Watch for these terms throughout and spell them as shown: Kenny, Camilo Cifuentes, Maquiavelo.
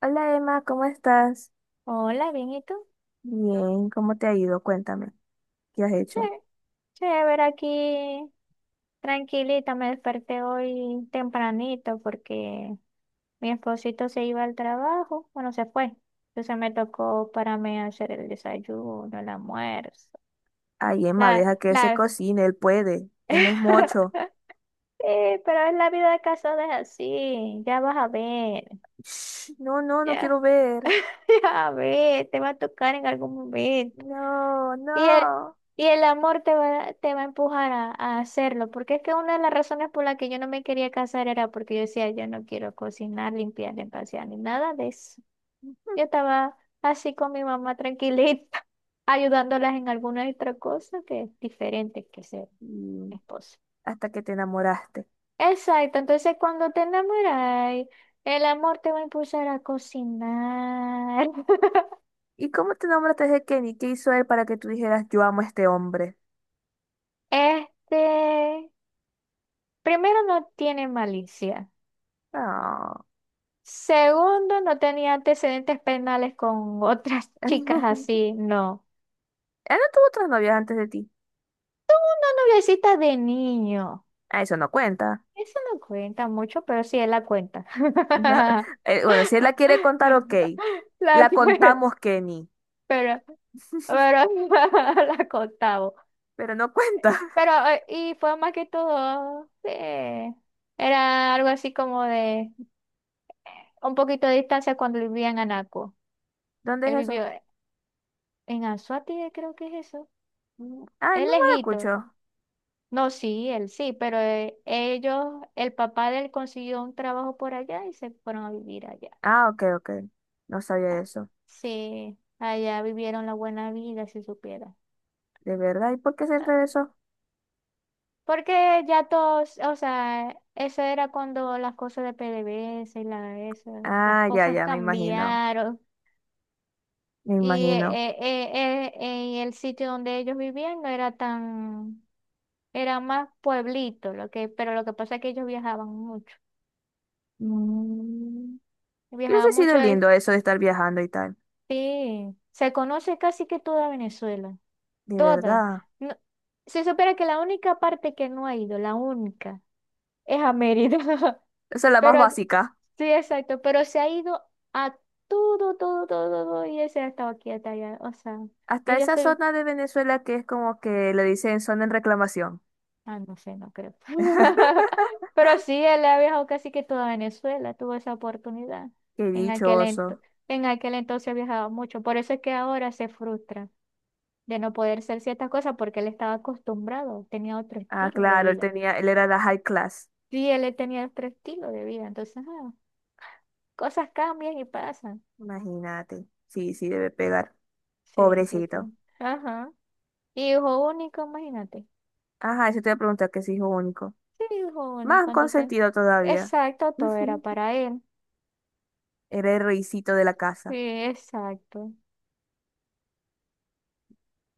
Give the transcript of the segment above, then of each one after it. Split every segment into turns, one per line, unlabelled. Hola Emma, ¿cómo estás?
Hola, bien, ¿y tú?
Bien, ¿cómo te ha ido? Cuéntame, ¿qué has
Che,
hecho?
chévere aquí, tranquilita, me desperté hoy tempranito porque mi esposito se iba al trabajo, bueno, se fue, entonces me tocó para mí hacer el desayuno, el almuerzo,
Ay, Emma,
la,
deja que él se
la,
cocine, él puede, él no es mocho.
Sí, pero es la vida de casada es así, ya vas a ver,
Shh, no, no, no
ya,
quiero ver.
ya a ver, te va a tocar en algún momento.
No,
Y el,
no.
y el amor te va a empujar a hacerlo, porque es que una de las razones por las que yo no me quería casar era porque yo decía, yo no quiero cocinar, limpiar, empasear, ni nada de eso. Yo estaba así con mi mamá tranquilita, ayudándolas en alguna otra cosa que es diferente que ser
Y
esposa.
hasta que te enamoraste.
Exacto, entonces cuando te enamoras, el amor te va a impulsar a cocinar.
¿Y cómo te enamoraste de Kenny? ¿Qué hizo él para que tú dijeras, yo amo a este hombre?
Este, primero no tiene malicia.
No.
Segundo, no tenía antecedentes penales con otras chicas así, no.
Él no tuvo otras novias antes de ti.
Una noviecita de niño.
Ah, eso no cuenta.
Eso no cuenta mucho, pero sí, él la cuenta.
No. Bueno, si él la quiere contar, ok.
La
La
cuenta,
contamos, Kenny,
pero, pero la contaba.
pero no cuenta.
Pero, y fue más que todo, era algo así como de un poquito de distancia cuando vivía en Anaco.
¿Dónde es
Él vivió
eso?
en Anzoátegui, creo que es eso.
Mm, ah,
Es
no
lejito.
maracucho.
No, sí, él sí, pero ellos, el papá de él consiguió un trabajo por allá y se fueron a vivir allá.
Ah, ok, ok. No sabía
Ah,
eso.
sí, allá vivieron la buena vida, si supiera.
¿De verdad? ¿Y por qué se
Ah,
regresó?
porque ya todos, o sea, eso era cuando las cosas de PDVSA y la, eso, las
Ah, ya,
cosas
ya, me imagino.
cambiaron
Me
y eh,
imagino.
y el sitio donde ellos vivían no era tan, era más pueblito, lo que, pero lo que pasa es que ellos viajaban mucho.
Mm, y
Viajaban
hubiese
mucho,
sido lindo eso de estar viajando y tal.
sí, se conoce casi que toda Venezuela,
De
toda.
verdad.
No- Se supone que la única parte que no ha ido, la única, es a Mérida.
Esa es la más
Pero
básica.
sí, exacto, pero se ha ido a todo, todo, todo, todo, y ese ha estado aquí hasta allá. O sea,
Hasta
ella
esa
estoy,
zona de Venezuela que es como que le dicen zona en reclamación.
ah, no sé, no creo. Pero sí, él ha viajado casi que toda Venezuela, tuvo esa oportunidad.
Qué
En aquel ento-
dichoso.
en aquel entonces viajaba mucho, por eso es que ahora se frustra. De no poder ser ciertas cosas porque él estaba acostumbrado, tenía otro
Ah,
estilo de
claro, él
vida.
tenía, él era la high class.
Sí, él tenía otro estilo de vida, entonces cosas cambian y pasan.
Imagínate. Sí, sí, debe pegar.
Sí, sí,
Pobrecito.
ajá. Y hijo único, imagínate.
Ajá, eso te iba a preguntar que es hijo único.
Sí, hijo
Más
único, entonces.
consentido todavía.
Exacto, todo era para él.
Era el reycito de la
Sí,
casa.
exacto.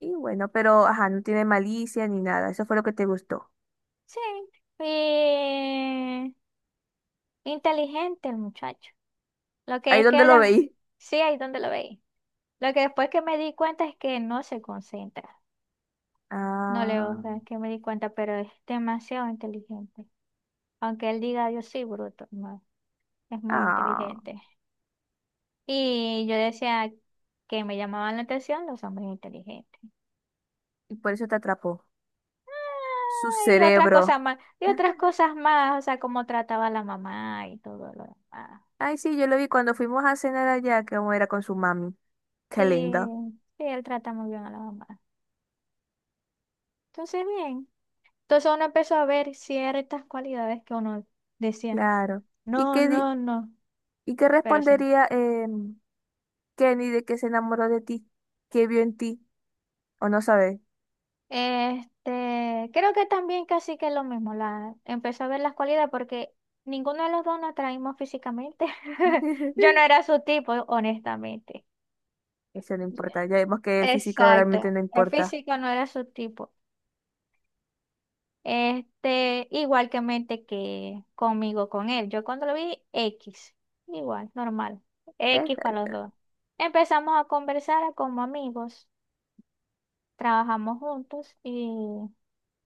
Y bueno, pero ajá, no tiene malicia ni nada. Eso fue lo que te gustó.
Sí. Y inteligente el muchacho. Lo que
Ahí
es que
donde lo
haya,
veí.
sí, ahí donde lo veis. Lo que después que me di cuenta es que no se concentra. No le
Ah,
gusta, es que me di cuenta, pero es demasiado inteligente. Aunque él diga yo sí, bruto, no, es muy
ah.
inteligente. Y yo decía que me llamaban la atención los hombres inteligentes.
Y por eso te atrapó. Su
Ah, y otras
cerebro.
cosas más, y otras cosas más, o sea, cómo trataba a la mamá y todo lo demás.
Ay, sí, yo lo vi cuando fuimos a cenar allá, que era con su mami.
Sí,
Qué lindo.
sí, él trata muy bien a la mamá. Entonces, bien. Entonces uno empezó a ver ciertas cualidades que uno decía,
Claro. ¿Y
no,
qué,
no, no,
y qué
pero sí.
respondería Kenny de que se enamoró de ti? ¿Qué vio en ti? ¿O no sabes?
Este, creo que también casi que lo mismo, la empecé a ver las cualidades porque ninguno de los dos nos atraímos físicamente. Yo no era su tipo, honestamente.
Eso no importa. Ya vemos que el físico realmente
Exacto,
no
el
importa.
físico no era su tipo. Este, igual que mente que conmigo, con él. Yo cuando lo vi, X, igual, normal. X
Es-
para los dos. Empezamos a conversar como amigos, trabajamos juntos y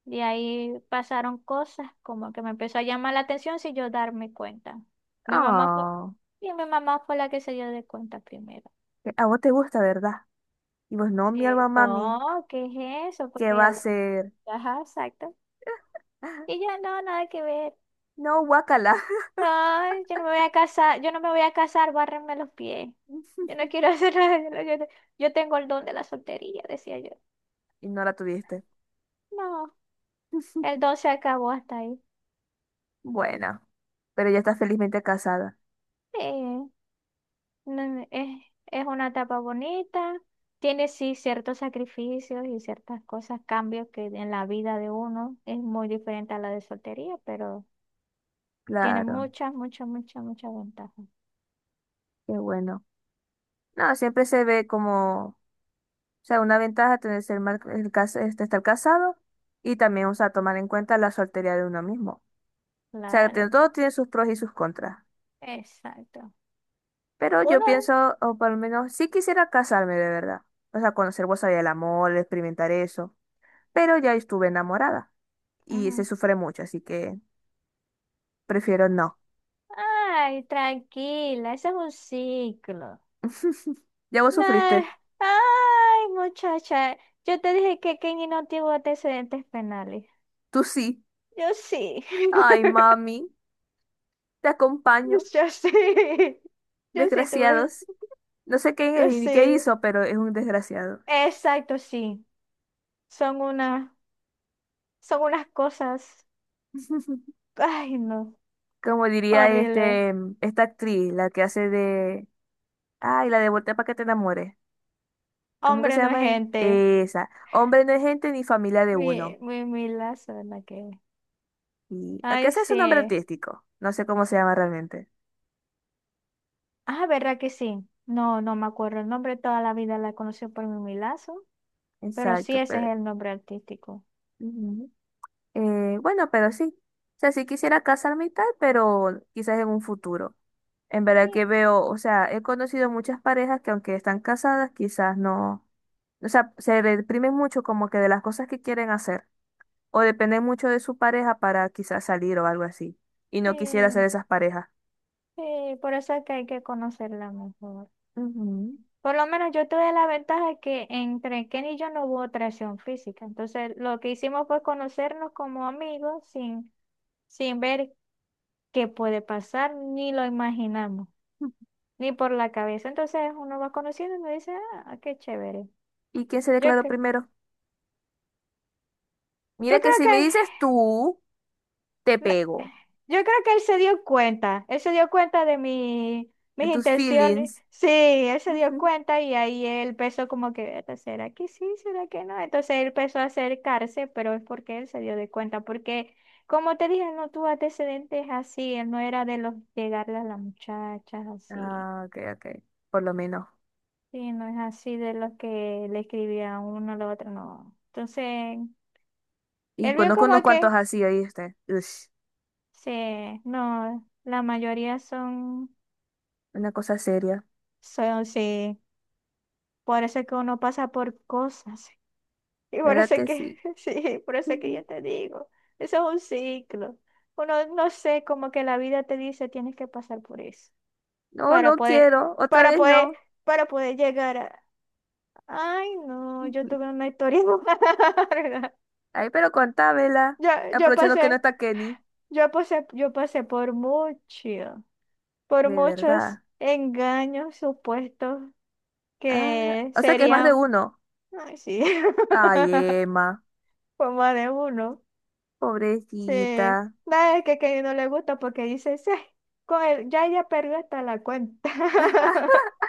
de ahí pasaron cosas como que me empezó a llamar la atención sin yo darme cuenta. Mi mamá fue,
oh,
y mi mamá fue la que se dio de cuenta primero.
que a vos te gusta, ¿verdad? Y vos no, mi
Sí.
alma mami,
No, ¿qué es eso?
¿qué
Porque
va
ella
a
habló.
ser?
Ajá, exacto. Y yo, no, nada que ver.
No, guácala.
No, yo no me voy a casar, yo no me voy a casar, bárrenme los pies. Yo no quiero hacer nada. Yo, no- yo te- yo tengo el don de la soltería, decía yo.
Y no la tuviste.
No, el don se acabó hasta ahí.
Bueno, pero ya está felizmente casada.
Sí. No, es una etapa bonita, tiene sí ciertos sacrificios y ciertas cosas, cambios que en la vida de uno es muy diferente a la de soltería, pero tiene
Claro,
muchas, muchas, muchas, muchas ventajas.
qué bueno. No, siempre se ve como, o sea, una ventaja tener ser mar- el cas- este, estar casado y también, o sea, tomar en cuenta la soltería de uno mismo. O sea,
Claro,
todo tiene sus pros y sus contras.
exacto.
Pero yo
Uno,
pienso, o por lo menos sí quisiera casarme de verdad. O sea, conocer vos sabía el amor, experimentar eso. Pero ya estuve enamorada y se
ujú.
sufre mucho, así que prefiero no.
Ay, tranquila, ese es un ciclo.
Ya vos
No,
sufriste.
ay, muchacha, yo te dije que Kenny no tiene antecedentes penales.
Tú sí.
Yo sí.
Ay, mami, te acompaño.
Yo sí, yo sí tuve,
Desgraciados. No sé qué es
yo
ni qué
sí.
hizo, pero es un desgraciado.
Exacto, sí. Son una, son unas cosas, ay no,
Como diría
horrible.
este, esta actriz, la que hace de... Ay, la de Voltea para que te enamores. ¿Cómo que
Hombre
se
no es
llama?
gente.
Esa. Hombre no es gente ni familia de uno.
Mi lazo, ¿verdad que?
Y, aunque
Ay,
ese es su nombre
sí.
artístico, no sé cómo se llama realmente.
Ah, ¿verdad que sí? No, no me acuerdo el nombre, toda la vida la conocí por mi Milazo, pero sí
Exacto,
ese es
pero...
el nombre artístico.
Ujú. Bueno, pero sí. O sea, sí quisiera casarme y tal, pero quizás en un futuro. En
Sí,
verdad que veo, o sea, he conocido muchas parejas que aunque están casadas, quizás no, o sea, se deprimen mucho como que de las cosas que quieren hacer, o dependen mucho de su pareja para quizás salir o algo así. Y no quisiera ser
sí,
esas parejas.
sí, por eso es que hay que conocerla mejor.
Ujú.
Por lo menos yo tuve la ventaja que entre Ken y yo no hubo atracción física. Entonces, lo que hicimos fue conocernos como amigos sin, sin ver qué puede pasar, ni lo imaginamos, ni por la cabeza. Entonces, uno va conociendo y me dice, ah, qué chévere.
¿Y quién se
Yo,
declaró
cre-
primero? Mira
yo
que
creo
si me
que
dices tú, te
no,
pego.
yo creo que él se dio cuenta, él se dio cuenta de
De
mis
tus
intenciones,
feelings.
sí, él se dio
Ujú.
cuenta y ahí él empezó como que, "Eta, ¿será que sí? ¿Será que no?" Entonces él empezó a acercarse, pero es porque él se dio de cuenta, porque como te dije, no tuvo antecedentes así, él no era de los llegarle a las muchachas así,
Ah, ok, ok, por lo menos.
sí, no es así de los que le escribía a uno a la otro, no. Entonces,
Y
él vio
conozco unos
como
cuantos
que,
así, ¿oíste? Ush,
sí, no, la mayoría son...
una cosa seria,
So, sí, por eso es que uno pasa por cosas. Y por
¿verdad
eso es
que
que,
sí?
sí, por eso es que
Ujú.
yo te digo, eso es un ciclo. Uno, no sé, como que la vida te dice, tienes que pasar por eso
No,
para
no
poder,
quiero, otra
para
vez
poder,
no.
para poder llegar a... Ay, no, yo
Ujú.
tuve una historia larga.
Ay, pero contámela,
Yo, yo
aprovechando que no
pasé,
está Kenny,
yo pasé por mucho, por
de
muchos
verdad.
engaños supuestos
Ah,
que
o sea que es más de
serían...
uno.
Ay, sí.
Ay, Emma,
Como de uno. Sí.
pobrecita.
Nada, es que no le gusta porque dice, sí, ya ella perdió hasta la cuenta.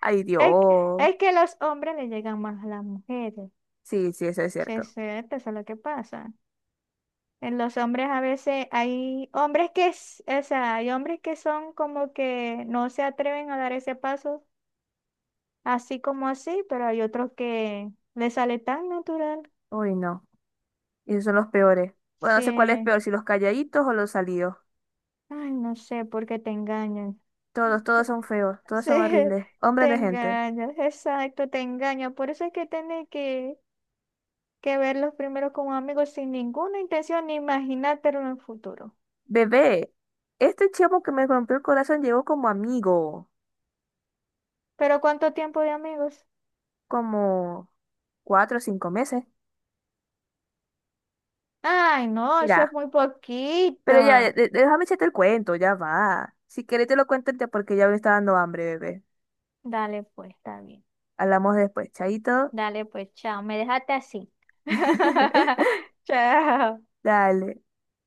Ay,
Es,
Dios.
es que los hombres le llegan más a las mujeres.
Sí, sí, eso es
Sí,
cierto.
sí, esto es lo que pasa. En los hombres a veces hay hombres que, o sea, hay hombres que son como que no se atreven a dar ese paso así como así, pero hay otros que les sale tan natural.
Uy, no, esos son los peores. Bueno, no sé cuál es
Sí.
peor, si los calladitos o los salidos.
Ay, no sé por qué te engañan.
Todos, todos son feos, todos
Sí,
son horribles. Hombres
te
de gente.
engañas, exacto, te engañas. Por eso es que tienes que verlos primero como amigos sin ninguna intención ni imaginártelo en el futuro.
Bebé, este chavo que me rompió el corazón llegó como amigo,
Pero ¿cuánto tiempo de amigos?
como 4 o 5 meses.
Ay, no, eso es
Mira,
muy poquito.
pero ya, déjame echarte el cuento, ya va. Si querés te lo cuento ya porque ya me está dando hambre, bebé.
Dale pues, está bien.
Hablamos después, chaito.
Dale pues, chao. Me dejaste así. Chao.
Dale.